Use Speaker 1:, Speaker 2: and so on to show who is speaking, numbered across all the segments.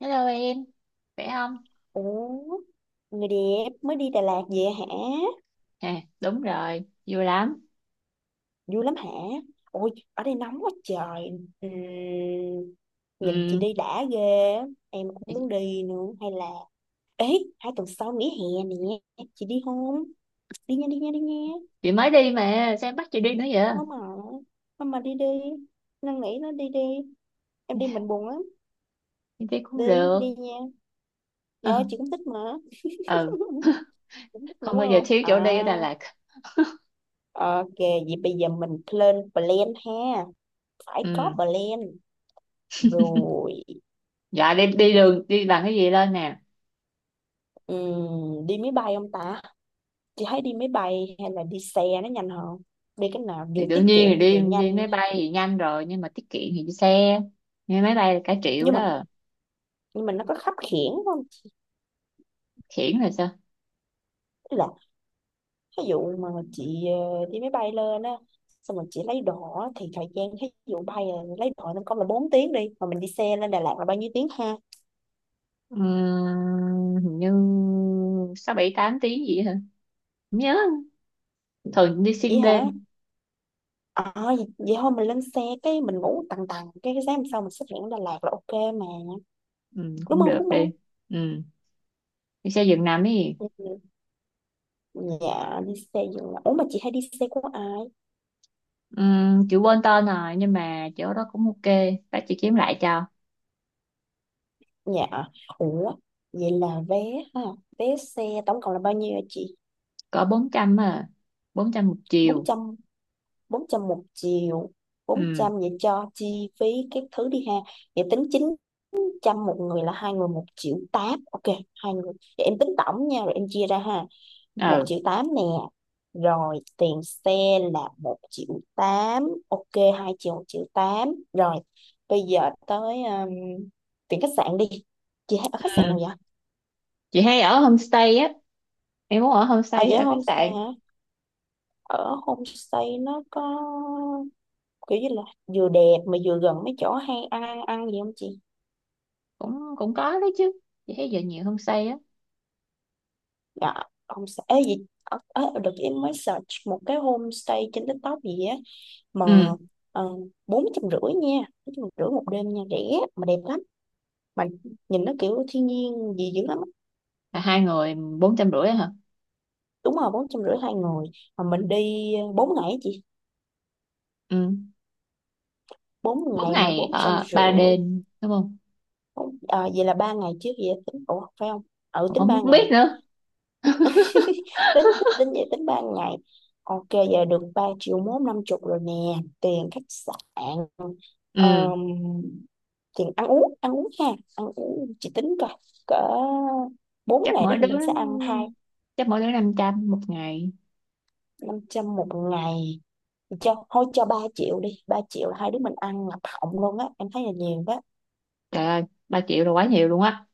Speaker 1: Hello em, khỏe không?
Speaker 2: Ủa, người đẹp mới đi Đà Lạt về hả?
Speaker 1: À, đúng rồi, vui lắm.
Speaker 2: Vui lắm hả? Ôi, ở đây nóng quá trời. Ừm, nhìn chị
Speaker 1: Ừ,
Speaker 2: đi đã ghê. Em cũng muốn đi nữa. Hay là... Ê, 2 tuần sau nghỉ hè nè. Chị đi không? Đi nha, đi nha, đi nha.
Speaker 1: chị mới đi mà, sao em bắt chị đi nữa vậy?
Speaker 2: Không mà. Không mà đi đi. Năn nỉ nó đi đi. Em đi mình buồn lắm.
Speaker 1: Em đi cũng
Speaker 2: Đi,
Speaker 1: được.
Speaker 2: đi nha. Rồi, chị cũng thích mà.
Speaker 1: Ờ, ừ,
Speaker 2: Cũng thích mà
Speaker 1: không
Speaker 2: đúng
Speaker 1: bao giờ
Speaker 2: không?
Speaker 1: thiếu chỗ
Speaker 2: À,
Speaker 1: đi ở Đà Lạt.
Speaker 2: ok. Vậy bây giờ mình lên plan ha. Phải
Speaker 1: Ừ,
Speaker 2: có plan rồi.
Speaker 1: dạ đi đi đường, đi bằng cái gì lên nè?
Speaker 2: Đi máy bay không ta? Chị thấy đi máy bay hay là đi xe nó nhanh hơn. Đi cái nào
Speaker 1: Thì
Speaker 2: vừa tiết
Speaker 1: đương nhiên
Speaker 2: kiệm
Speaker 1: là đi
Speaker 2: vừa
Speaker 1: đi
Speaker 2: nhanh.
Speaker 1: máy bay thì nhanh rồi, nhưng mà tiết kiệm thì đi xe. Nhưng máy bay là cả triệu
Speaker 2: nhưng mà
Speaker 1: đó,
Speaker 2: nhưng mà nó có khắt khuỷu không?
Speaker 1: khiển là sao?
Speaker 2: Tức là ví dụ mà chị đi máy bay lên á, xong rồi chị lấy đồ á, thì thời gian ví dụ bay là lấy đồ nó có là 4 tiếng, đi mà mình đi xe lên Đà Lạt là bao nhiêu tiếng ha?
Speaker 1: Ừ, hình như 6, 7, 8 tiếng gì hả? Không nhớ, thường đi xuyên
Speaker 2: Vậy hả?
Speaker 1: đêm,
Speaker 2: Ờ. Vậy thôi mình lên xe cái mình ngủ tầng tầng cái sáng hôm sau mình xuất hiện ở Đà Lạt là ok mà.
Speaker 1: ừ,
Speaker 2: Đúng
Speaker 1: cũng
Speaker 2: không
Speaker 1: được
Speaker 2: đúng
Speaker 1: đi.
Speaker 2: không?
Speaker 1: Ừ, đi xe giường nằm đi.
Speaker 2: Ừ. Ừ. Dạ đi xe dừng nằm. Ủa mà chị hay đi xe của ai?
Speaker 1: Chị quên tên rồi nhưng mà chỗ đó cũng ok, bác chị kiếm lại cho.
Speaker 2: Dạ. Ủa. Vậy là vé ha. Vé xe tổng cộng là bao nhiêu hả chị?
Speaker 1: Cỡ 400 à, 400 một
Speaker 2: bốn
Speaker 1: chiều.
Speaker 2: trăm 400 một chiều. bốn
Speaker 1: Ừ,
Speaker 2: trăm vậy cho chi phí các thứ đi ha. Vậy tính 900 một người là hai người 1,8 triệu. Ok, hai người. Vậy em tính tổng nha. Rồi em chia ra ha. Một
Speaker 1: ừ,
Speaker 2: triệu tám nè, rồi tiền xe là 1,8 triệu, ok. Hai triệu 1,8 triệu rồi. Bây giờ tới tiền khách sạn đi. Chị thấy ở khách sạn
Speaker 1: ừ.
Speaker 2: nào vậy?
Speaker 1: Chị hay ở homestay á, em muốn ở homestay
Speaker 2: À
Speaker 1: hay
Speaker 2: dạ
Speaker 1: ở khách
Speaker 2: homestay
Speaker 1: sạn?
Speaker 2: hả? Ở homestay nó có kiểu như là vừa đẹp mà vừa gần mấy chỗ hay ăn ăn ăn gì không chị?
Speaker 1: Cũng cũng có đấy chứ, chị thấy giờ nhiều homestay á.
Speaker 2: Dạ homestay ấy gì ở, được em mới search một cái homestay trên TikTok gì á mà
Speaker 1: Ừ,
Speaker 2: ờ, 450 nha. Bốn trăm rưỡi một đêm nha, rẻ mà đẹp lắm mà nhìn nó kiểu thiên nhiên gì dữ lắm á.
Speaker 1: là hai người 450 hả?
Speaker 2: Đúng rồi, 450 hai người. Mà mình đi 4 ngày á chị.
Speaker 1: Ừ,
Speaker 2: Bốn
Speaker 1: bốn
Speaker 2: ngày mà
Speaker 1: ngày
Speaker 2: bốn trăm
Speaker 1: ở
Speaker 2: rưỡi
Speaker 1: ba đêm đúng không?
Speaker 2: À, vậy là 3 ngày trước vậy tính ủa phải không? Ừ
Speaker 1: Mà
Speaker 2: tính
Speaker 1: không
Speaker 2: 3 ngày.
Speaker 1: biết nữa.
Speaker 2: tính tính tính vậy tính 3 ngày. Ok, giờ được 3,15 triệu rồi nè, tiền khách sạn.
Speaker 1: Ừ,
Speaker 2: ờm, Tiền ăn uống ha. Ăn uống chị tính coi cỡ bốn
Speaker 1: chắc
Speaker 2: ngày đó
Speaker 1: mỗi
Speaker 2: thì
Speaker 1: đứa
Speaker 2: mình sẽ ăn hai.
Speaker 1: chắc mỗi đứa 500 một ngày.
Speaker 2: 500 một ngày, cho thôi cho 3 triệu đi. 3 triệu là hai đứa mình ăn ngập họng luôn á, em thấy là nhiều đó.
Speaker 1: Trời ơi, 3 triệu là quá nhiều luôn á.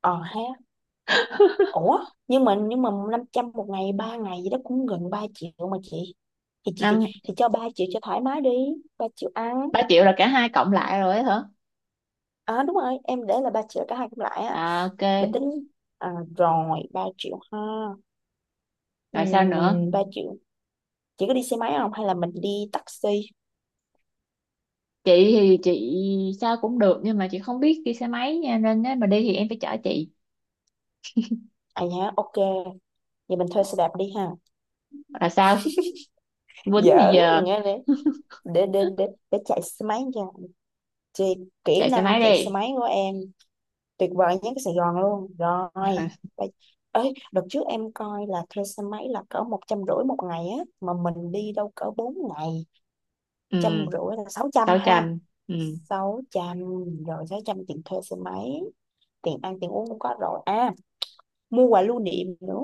Speaker 2: Ờ ha. Ủa nhưng mà 500 một ngày 3 ngày gì đó cũng gần 3 triệu mà chị. thì chị thì,
Speaker 1: Năm,
Speaker 2: thì cho 3 triệu cho thoải mái đi. 3 triệu ăn.
Speaker 1: 3 triệu là cả hai cộng lại rồi ấy hả?
Speaker 2: À đúng rồi, em để là 3 triệu cả hai cũng lại á.
Speaker 1: À ok,
Speaker 2: Mình tính à, rồi 3 triệu ha.
Speaker 1: rồi sao nữa?
Speaker 2: 3 triệu. Chị có đi xe máy không hay là mình đi taxi?
Speaker 1: Chị thì chị sao cũng được nhưng mà chị không biết đi xe máy nha, nên nếu mà đi thì em phải chở chị.
Speaker 2: À nhá ok. Vậy mình thuê xe đạp đi ha.
Speaker 1: Là sao? Quýnh bây
Speaker 2: Giỡn.
Speaker 1: giờ
Speaker 2: Nghe để, để chạy xe máy nha. Thì kỹ
Speaker 1: chạy xe
Speaker 2: năng
Speaker 1: máy
Speaker 2: chạy xe
Speaker 1: đi.
Speaker 2: máy của em tuyệt vời nhất Sài Gòn luôn rồi. Bây- Ấy đợt trước em coi là thuê xe máy là cỡ 150 một ngày á mà mình đi đâu cỡ 4 ngày.
Speaker 1: Ừ,
Speaker 2: Trăm rưỡi là 600 ha.
Speaker 1: 600. Ừ.
Speaker 2: 600, rồi 600 tiền thuê xe máy. Tiền ăn tiền uống cũng có rồi. À mua quà lưu niệm nữa.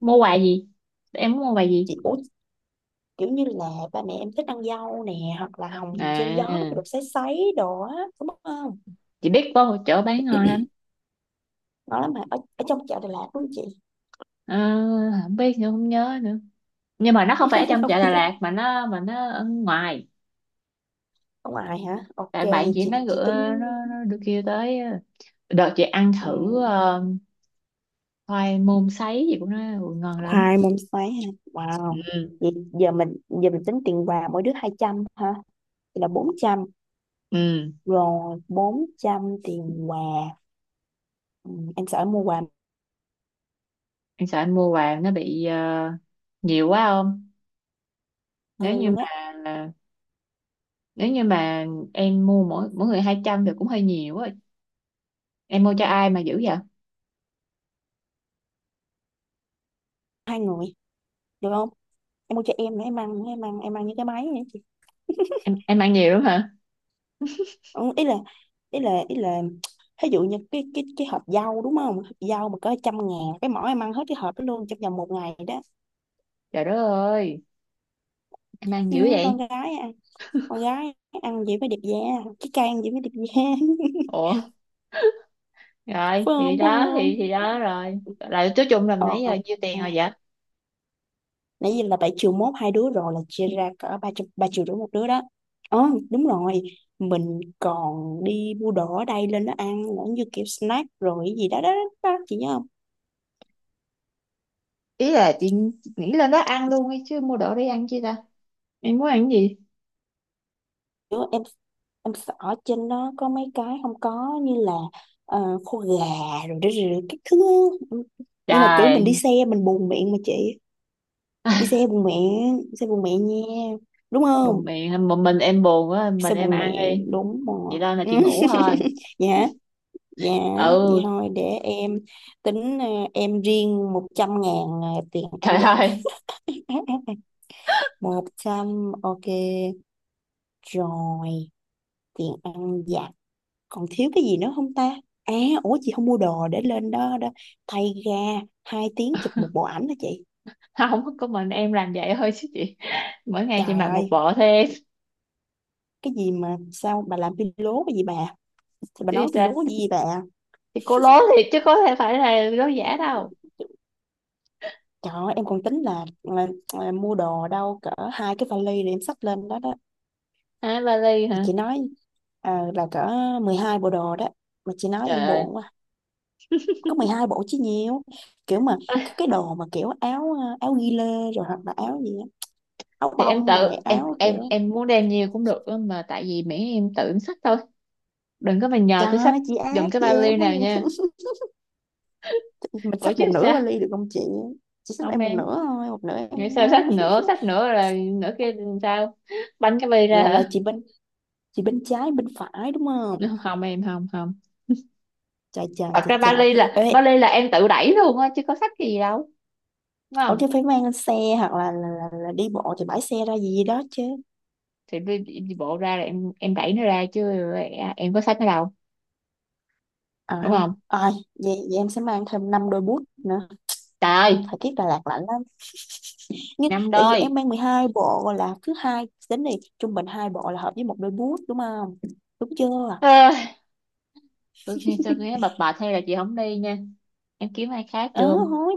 Speaker 1: Mua quà gì? Em muốn mua quà gì?
Speaker 2: Chị út kiểu như là ba mẹ em thích ăn dâu nè, hoặc là hồng treo
Speaker 1: À,
Speaker 2: gió nó được sấy sấy đồ á đúng không?
Speaker 1: chị biết có một chỗ bán ngon lắm.
Speaker 2: Ngon lắm mà ở, trong chợ Đà Lạt đúng không chị?
Speaker 1: Ờ, không biết nữa, không nhớ nữa. Nhưng mà nó không phải ở trong chợ Đà Lạt mà nó ở ngoài.
Speaker 2: Ở ngoài hả, ok
Speaker 1: Tại bạn
Speaker 2: vậy
Speaker 1: chị nó
Speaker 2: chị
Speaker 1: gửi,
Speaker 2: tính.
Speaker 1: nó được kia tới đợt chị ăn thử
Speaker 2: Ừ,
Speaker 1: khoai môn sấy gì của nó. Ừ, ngon lắm.
Speaker 2: khoai môn xoáy ha, wow.
Speaker 1: Ừ,
Speaker 2: Vậy giờ mình tính tiền quà mỗi đứa 200 ha, thì là 400.
Speaker 1: ừ,
Speaker 2: Rồi 400 tiền quà. Ừ, em sợ em mua quà
Speaker 1: em sợ anh mua vàng nó bị nhiều quá không? nếu
Speaker 2: hơi
Speaker 1: như
Speaker 2: luôn á.
Speaker 1: mà nếu như mà em mua mỗi mỗi người 200 thì cũng hơi nhiều á. Em mua cho ai mà dữ vậy?
Speaker 2: Hai người được không, em mua cho em nữa, em ăn em ăn những cái máy nữa chị.
Speaker 1: Em ăn nhiều lắm hả?
Speaker 2: Ừ, ý là ý là ví dụ như cái cái hộp dâu đúng không, hộp dâu mà có trăm ngàn cái mỏ em ăn hết cái hộp đó luôn trong vòng một ngày đó.
Speaker 1: Trời đất ơi, em ăn
Speaker 2: Ừ,
Speaker 1: dữ
Speaker 2: con
Speaker 1: vậy?
Speaker 2: gái con gái ăn gì mới đẹp da, cái cây ăn gì mới đẹp da.
Speaker 1: Ủa,
Speaker 2: Phải
Speaker 1: rồi thì
Speaker 2: không phải
Speaker 1: đó, thì
Speaker 2: không?
Speaker 1: đó rồi là, nói chung là
Speaker 2: Ờ
Speaker 1: nãy giờ nhiêu
Speaker 2: à,
Speaker 1: tiền rồi vậy?
Speaker 2: nãy giờ là 7,1 triệu hai đứa rồi, là chia ra cỡ 3,5 triệu một đứa đó. Ờ đúng rồi. Mình còn đi mua đồ ở đây lên đó ăn nữa như kiểu snack rồi cái gì đó. Chị nhớ không?
Speaker 1: Ý là chị nghĩ lên đó ăn luôn ấy chứ, mua đồ đi ăn chi ta? Em muốn ăn cái gì?
Speaker 2: Kiểu em sợ trên đó có mấy cái không có như là khô gà rồi, rồi các thứ. Nhưng mà kiểu mình đi
Speaker 1: Trời.
Speaker 2: xe mình buồn miệng mà chị. Đi xe bùng mẹ, xe bùng mẹ nha, đúng
Speaker 1: Đùng
Speaker 2: không?
Speaker 1: miệng một mình em, buồn quá mình
Speaker 2: Xe
Speaker 1: em
Speaker 2: bùng
Speaker 1: ăn
Speaker 2: mẹ
Speaker 1: đi,
Speaker 2: đúng
Speaker 1: chị
Speaker 2: rồi.
Speaker 1: lên là
Speaker 2: Ừ.
Speaker 1: chị ngủ thôi.
Speaker 2: Dạ. Dạ vậy
Speaker 1: Ừ.
Speaker 2: thôi để em tính em riêng 100.000 tiền
Speaker 1: Trời
Speaker 2: ăn vặt.
Speaker 1: ơi,
Speaker 2: 100, ok. Rồi tiền ăn vặt, còn thiếu cái gì nữa không ta? À. Ủa chị không mua đồ để lên đó đó, thay ga 2 tiếng chụp một bộ ảnh hả chị?
Speaker 1: không có, mình em làm vậy thôi chứ chị. Mỗi ngày chị
Speaker 2: Trời
Speaker 1: mặc một
Speaker 2: ơi,
Speaker 1: bộ thế
Speaker 2: cái gì mà sao bà làm phi lố cái gì bà, thì bà
Speaker 1: chứ
Speaker 2: nói phi
Speaker 1: ta,
Speaker 2: lố gì bà.
Speaker 1: thì cô lố thiệt chứ có thể phải là lố giả đâu.
Speaker 2: Trời ơi, em còn tính là, là mua đồ đâu cỡ 2 cái vali để em xách lên đó đó.
Speaker 1: À, vali
Speaker 2: Thì
Speaker 1: hả?
Speaker 2: chị nói à, là cỡ 12 bộ đồ đó. Mà chị nói
Speaker 1: Trời
Speaker 2: em
Speaker 1: ơi.
Speaker 2: buồn quá. Có 12 bộ chứ nhiều. Kiểu mà cái đồ mà kiểu áo áo ghi lê rồi hoặc là áo gì á, áo
Speaker 1: Thì em
Speaker 2: bông
Speaker 1: tự
Speaker 2: rồi
Speaker 1: em
Speaker 2: áo
Speaker 1: em
Speaker 2: kiểu.
Speaker 1: em muốn đem nhiều cũng được á, mà tại vì miễn em tự em xách thôi. Đừng có mà nhờ
Speaker 2: Trời
Speaker 1: tôi xách
Speaker 2: ơi, chị
Speaker 1: giùm
Speaker 2: ác
Speaker 1: cái
Speaker 2: chị
Speaker 1: vali
Speaker 2: em quá
Speaker 1: nào
Speaker 2: vậy.
Speaker 1: nha.
Speaker 2: Mình
Speaker 1: Ủa
Speaker 2: xách
Speaker 1: chứ
Speaker 2: một nửa
Speaker 1: sao?
Speaker 2: vali được không chị? Chị xách
Speaker 1: Không
Speaker 2: em một
Speaker 1: em,
Speaker 2: nửa thôi, một nửa
Speaker 1: nghĩ
Speaker 2: em
Speaker 1: sao
Speaker 2: á.
Speaker 1: xách nữa là nữa kia làm sao? Bánh cái vali ra
Speaker 2: Là
Speaker 1: hả?
Speaker 2: chị bên trái bên phải đúng không?
Speaker 1: Không em, không, không.
Speaker 2: Trời trời
Speaker 1: Thật
Speaker 2: trời
Speaker 1: ra
Speaker 2: trời.
Speaker 1: Bali là
Speaker 2: Ê,
Speaker 1: Em tự đẩy luôn á chứ có sách cái gì đâu, đúng
Speaker 2: ở
Speaker 1: không?
Speaker 2: chứ phải mang xe hoặc là, là đi bộ thì bãi xe ra gì đó chứ.
Speaker 1: Thì đi, đi đi bộ ra là em đẩy nó ra chứ. Em có sách nó đâu,
Speaker 2: À
Speaker 1: đúng
Speaker 2: ha
Speaker 1: không?
Speaker 2: à, vậy em sẽ mang thêm 5 đôi boot nữa.
Speaker 1: Trời ơi,
Speaker 2: Thời tiết Đà Lạt lạnh lắm, nhưng
Speaker 1: năm
Speaker 2: tại vì
Speaker 1: đôi.
Speaker 2: em mang 12 bộ là cứ hai đến đi. Trung bình hai bộ là hợp với một đôi boot đúng không? Đúng chưa?
Speaker 1: à, tôi khi tôi nghĩ bập bệt hay là chị không đi nha, em kiếm ai khác
Speaker 2: Ờ
Speaker 1: được không?
Speaker 2: thôi.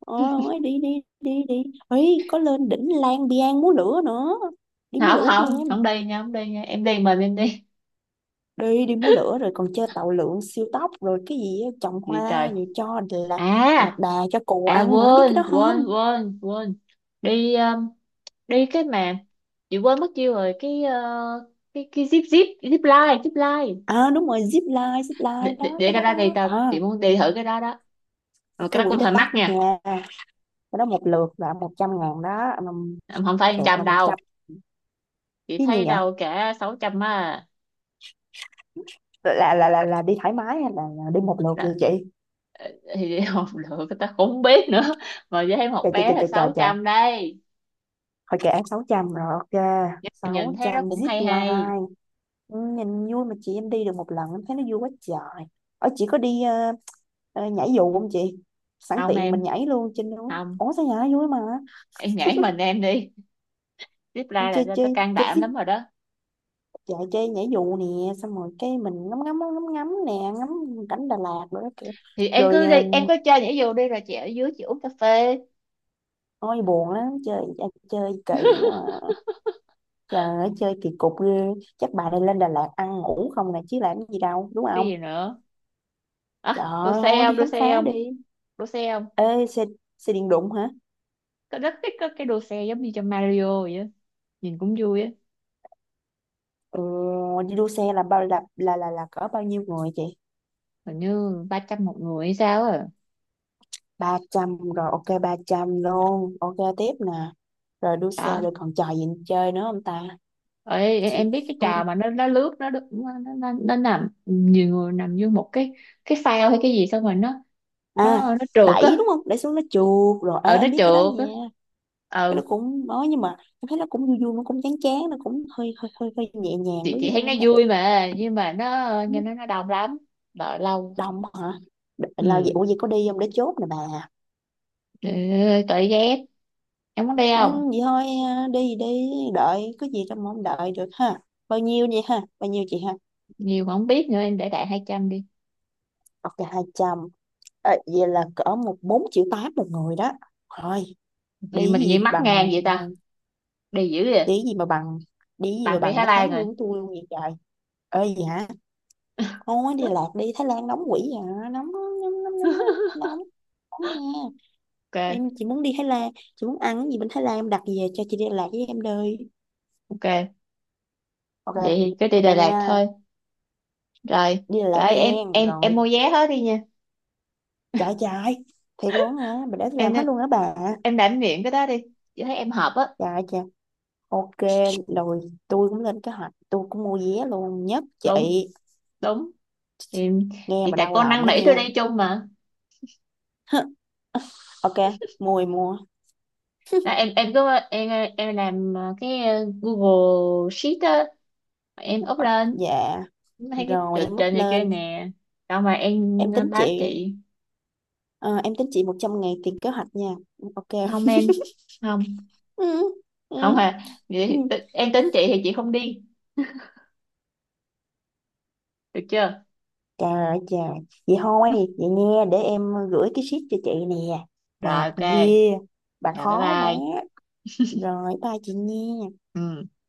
Speaker 2: Ờ thôi đi đi đi đi. Ấy có lên đỉnh Lang Biang múa lửa nữa, đi múa
Speaker 1: Không,
Speaker 2: lửa với
Speaker 1: không, không
Speaker 2: em
Speaker 1: đi nha, không đi nha, em đi mình em đi.
Speaker 2: đi. Đi múa lửa rồi còn chơi tàu lượn siêu tốc rồi cái gì á, trồng
Speaker 1: Gì
Speaker 2: hoa
Speaker 1: trời?
Speaker 2: rồi cho là lạc
Speaker 1: à
Speaker 2: đà cho cù
Speaker 1: à
Speaker 2: ăn nữa, biết cái
Speaker 1: quên
Speaker 2: đó không?
Speaker 1: quên quên quên đi đi cái mà chị quên mất tiêu rồi, cái cái zip zip zip line zip line.
Speaker 2: À đúng rồi, zip line. Zip line
Speaker 1: để, để,
Speaker 2: đó,
Speaker 1: để
Speaker 2: cái
Speaker 1: cái
Speaker 2: đó
Speaker 1: đó đi,
Speaker 2: đó
Speaker 1: tao
Speaker 2: à.
Speaker 1: chị muốn đi thử cái đó đó. Mà cái
Speaker 2: Cái
Speaker 1: đó
Speaker 2: quỹ
Speaker 1: cũng
Speaker 2: đó
Speaker 1: hơi mắc
Speaker 2: tắt
Speaker 1: nha.
Speaker 2: nha, cái đó một lượt là 100.000 đó.
Speaker 1: Em không phải
Speaker 2: Lượt
Speaker 1: 100
Speaker 2: là một trăm.
Speaker 1: đâu, chị
Speaker 2: Chứ nhiều
Speaker 1: thấy
Speaker 2: nhở,
Speaker 1: đâu cả 600 á.
Speaker 2: là đi thoải mái hay là đi một lượt vậy
Speaker 1: Là,
Speaker 2: chị?
Speaker 1: thì học được tao cũng không biết nữa, mà với thấy một
Speaker 2: Trời trời
Speaker 1: bé
Speaker 2: trời
Speaker 1: là
Speaker 2: trời trời
Speaker 1: sáu
Speaker 2: trời.
Speaker 1: trăm đây.
Speaker 2: Thôi kệ em 600 rồi, ok. sáu
Speaker 1: Nhìn thấy nó
Speaker 2: trăm
Speaker 1: cũng
Speaker 2: zip
Speaker 1: hay hay.
Speaker 2: line. Ừ, nhìn vui mà chị, em đi được một lần em thấy nó vui quá trời. Ở chị có đi nhảy dù không chị? Sẵn
Speaker 1: Không
Speaker 2: tiện
Speaker 1: em,
Speaker 2: mình nhảy luôn trên núi,
Speaker 1: không
Speaker 2: ủa sao nhảy vui mà.
Speaker 1: em nhảy mình em đi tiếp ra là
Speaker 2: Chơi
Speaker 1: tao
Speaker 2: chơi
Speaker 1: tao can
Speaker 2: chơi
Speaker 1: đảm
Speaker 2: zip.
Speaker 1: lắm rồi đó.
Speaker 2: Dạ chơi nhảy dù nè, xong rồi cái mình ngắm ngắm ngắm ngắm nè, ngắm cảnh Đà Lạt rồi đó kiểu.
Speaker 1: Thì em
Speaker 2: Rồi
Speaker 1: cứ đi,
Speaker 2: à,
Speaker 1: em cứ chơi nhảy dù đi rồi chị ở dưới chị uống cà phê.
Speaker 2: ôi buồn lắm, chơi à, chơi kỳ quá à. Trời ơi, chơi kỳ cục ghê. Chắc bà này lên Đà Lạt ăn ngủ không nè chứ làm gì đâu đúng
Speaker 1: Cái gì
Speaker 2: không?
Speaker 1: nữa?
Speaker 2: Trời
Speaker 1: À, đua
Speaker 2: ơi
Speaker 1: xe
Speaker 2: thôi đi
Speaker 1: không? Đua
Speaker 2: khám
Speaker 1: xe
Speaker 2: phá
Speaker 1: không?
Speaker 2: đi.
Speaker 1: Đua xe không?
Speaker 2: Ê xe. Xe điện đụng hả?
Speaker 1: Cậu rất thích các cái đồ xe giống như trong Mario vậy á. Nhìn cũng vui á.
Speaker 2: Ừ, đi đua xe là bao là cỡ bao nhiêu người chị?
Speaker 1: Hình như 300 một người hay sao à.
Speaker 2: 300 rồi, ok 300 luôn, ok tiếp nè. Rồi đua xe
Speaker 1: Đó.
Speaker 2: rồi còn trò gì chơi nữa không ta?
Speaker 1: Ê, em
Speaker 2: Chị.
Speaker 1: em biết cái
Speaker 2: Ừ,
Speaker 1: trò mà nó lướt nó đu- nó nằm, nhiều người nằm vô một cái phao hay cái gì xong rồi nó
Speaker 2: à,
Speaker 1: nó nó trượt
Speaker 2: đẩy
Speaker 1: á.
Speaker 2: đúng không, đẩy xuống nó trượt rồi. Ờ,
Speaker 1: Ừ, nó
Speaker 2: em biết cái đó
Speaker 1: trượt á.
Speaker 2: nha. Cái đó
Speaker 1: Ừ,
Speaker 2: cũng nói nhưng mà em thấy nó cũng vui vui, nó cũng chán chán, nó cũng hơi hơi hơi hơi nhẹ nhàng
Speaker 1: chị
Speaker 2: đối
Speaker 1: chị
Speaker 2: với
Speaker 1: thấy nó
Speaker 2: em đó.
Speaker 1: vui mà nhưng mà nó,
Speaker 2: Không
Speaker 1: nghe
Speaker 2: biết.
Speaker 1: nó đông lắm, đợi lâu.
Speaker 2: Đồng hả? Là
Speaker 1: Ừ,
Speaker 2: vậy ủa vậy có đi không để chốt nè bà.
Speaker 1: tội ghét, em muốn đi
Speaker 2: Má,
Speaker 1: không?
Speaker 2: vậy thôi à, đi đi đợi có gì đâu mà không đợi được ha. Bao nhiêu vậy ha, bao nhiêu chị ha?
Speaker 1: Nhiều mà không biết nữa, em để đại 200 đi.
Speaker 2: Ok 200. Ờ, vậy là cỡ 1,48 triệu một người đó. Thôi.
Speaker 1: Gì
Speaker 2: Đi
Speaker 1: mà tự
Speaker 2: gì
Speaker 1: nhiên mắc ngang
Speaker 2: bằng
Speaker 1: vậy
Speaker 2: à,
Speaker 1: ta, đi dữ vậy.
Speaker 2: đi gì mà bằng, đi gì mà
Speaker 1: Bạn đi
Speaker 2: bằng
Speaker 1: Thái
Speaker 2: cái
Speaker 1: Lan
Speaker 2: tháng
Speaker 1: rồi.
Speaker 2: lương của tôi luôn vậy trời. Ơi gì hả? Thôi đi lạc đi Thái Lan nóng quỷ vậy hả? Nóng nóng nóng nóng nóng nóng nóng. nha.
Speaker 1: Ok,
Speaker 2: Em chỉ muốn đi Thái Lan. Chị muốn ăn cái gì bên Thái Lan, em đặt về cho chị, đi Đà Lạt với em đi.
Speaker 1: ok,
Speaker 2: Ok.
Speaker 1: vậy thì cứ đi
Speaker 2: Ok
Speaker 1: Đà
Speaker 2: nha.
Speaker 1: Lạt thôi. Rồi,
Speaker 2: Đi Đà Lạt
Speaker 1: rồi, em
Speaker 2: hen.
Speaker 1: em mua
Speaker 2: Rồi
Speaker 1: vé hết đi nha.
Speaker 2: chạy chạy. Thiệt luôn hả, bà để tôi
Speaker 1: em
Speaker 2: làm hết
Speaker 1: nên-
Speaker 2: luôn hả bà?
Speaker 1: em đảm nhiệm cái đó đi, chị thấy em hợp á.
Speaker 2: Trời trời. Ok. Rồi tôi cũng lên kế hoạch, tôi cũng mua vé luôn. Nhất chị.
Speaker 1: Đúng, đúng, thì,
Speaker 2: Nghe
Speaker 1: thì
Speaker 2: mà
Speaker 1: tại
Speaker 2: đau
Speaker 1: con
Speaker 2: lòng
Speaker 1: năn
Speaker 2: đó
Speaker 1: nỉ
Speaker 2: nha.
Speaker 1: tôi đi chung mà.
Speaker 2: Ok mua thì mua.
Speaker 1: Đó, em cứ em làm cái Google Sheet á, em up lên,
Speaker 2: Dạ.
Speaker 1: thấy cái
Speaker 2: Rồi
Speaker 1: trình
Speaker 2: em bút
Speaker 1: trên này kia
Speaker 2: lên.
Speaker 1: nè, xong mà em
Speaker 2: Em tính
Speaker 1: báo
Speaker 2: chị
Speaker 1: chị.
Speaker 2: ờ, em tính chị 100 ngày tiền kế hoạch nha. Ừ, ok.
Speaker 1: Không em, không,
Speaker 2: ừ, ừ,
Speaker 1: không. À, vậy
Speaker 2: ừ.
Speaker 1: thì em tính chị thì chị không đi, được chưa?
Speaker 2: Trời ơi trời. Vậy thôi. Vậy nha, để em gửi cái sheet cho chị nè.
Speaker 1: Rồi,
Speaker 2: Mệt
Speaker 1: ok.
Speaker 2: ghê, bà
Speaker 1: Rồi bye
Speaker 2: khó quá.
Speaker 1: bye.
Speaker 2: Rồi bye chị nha.
Speaker 1: Ừ.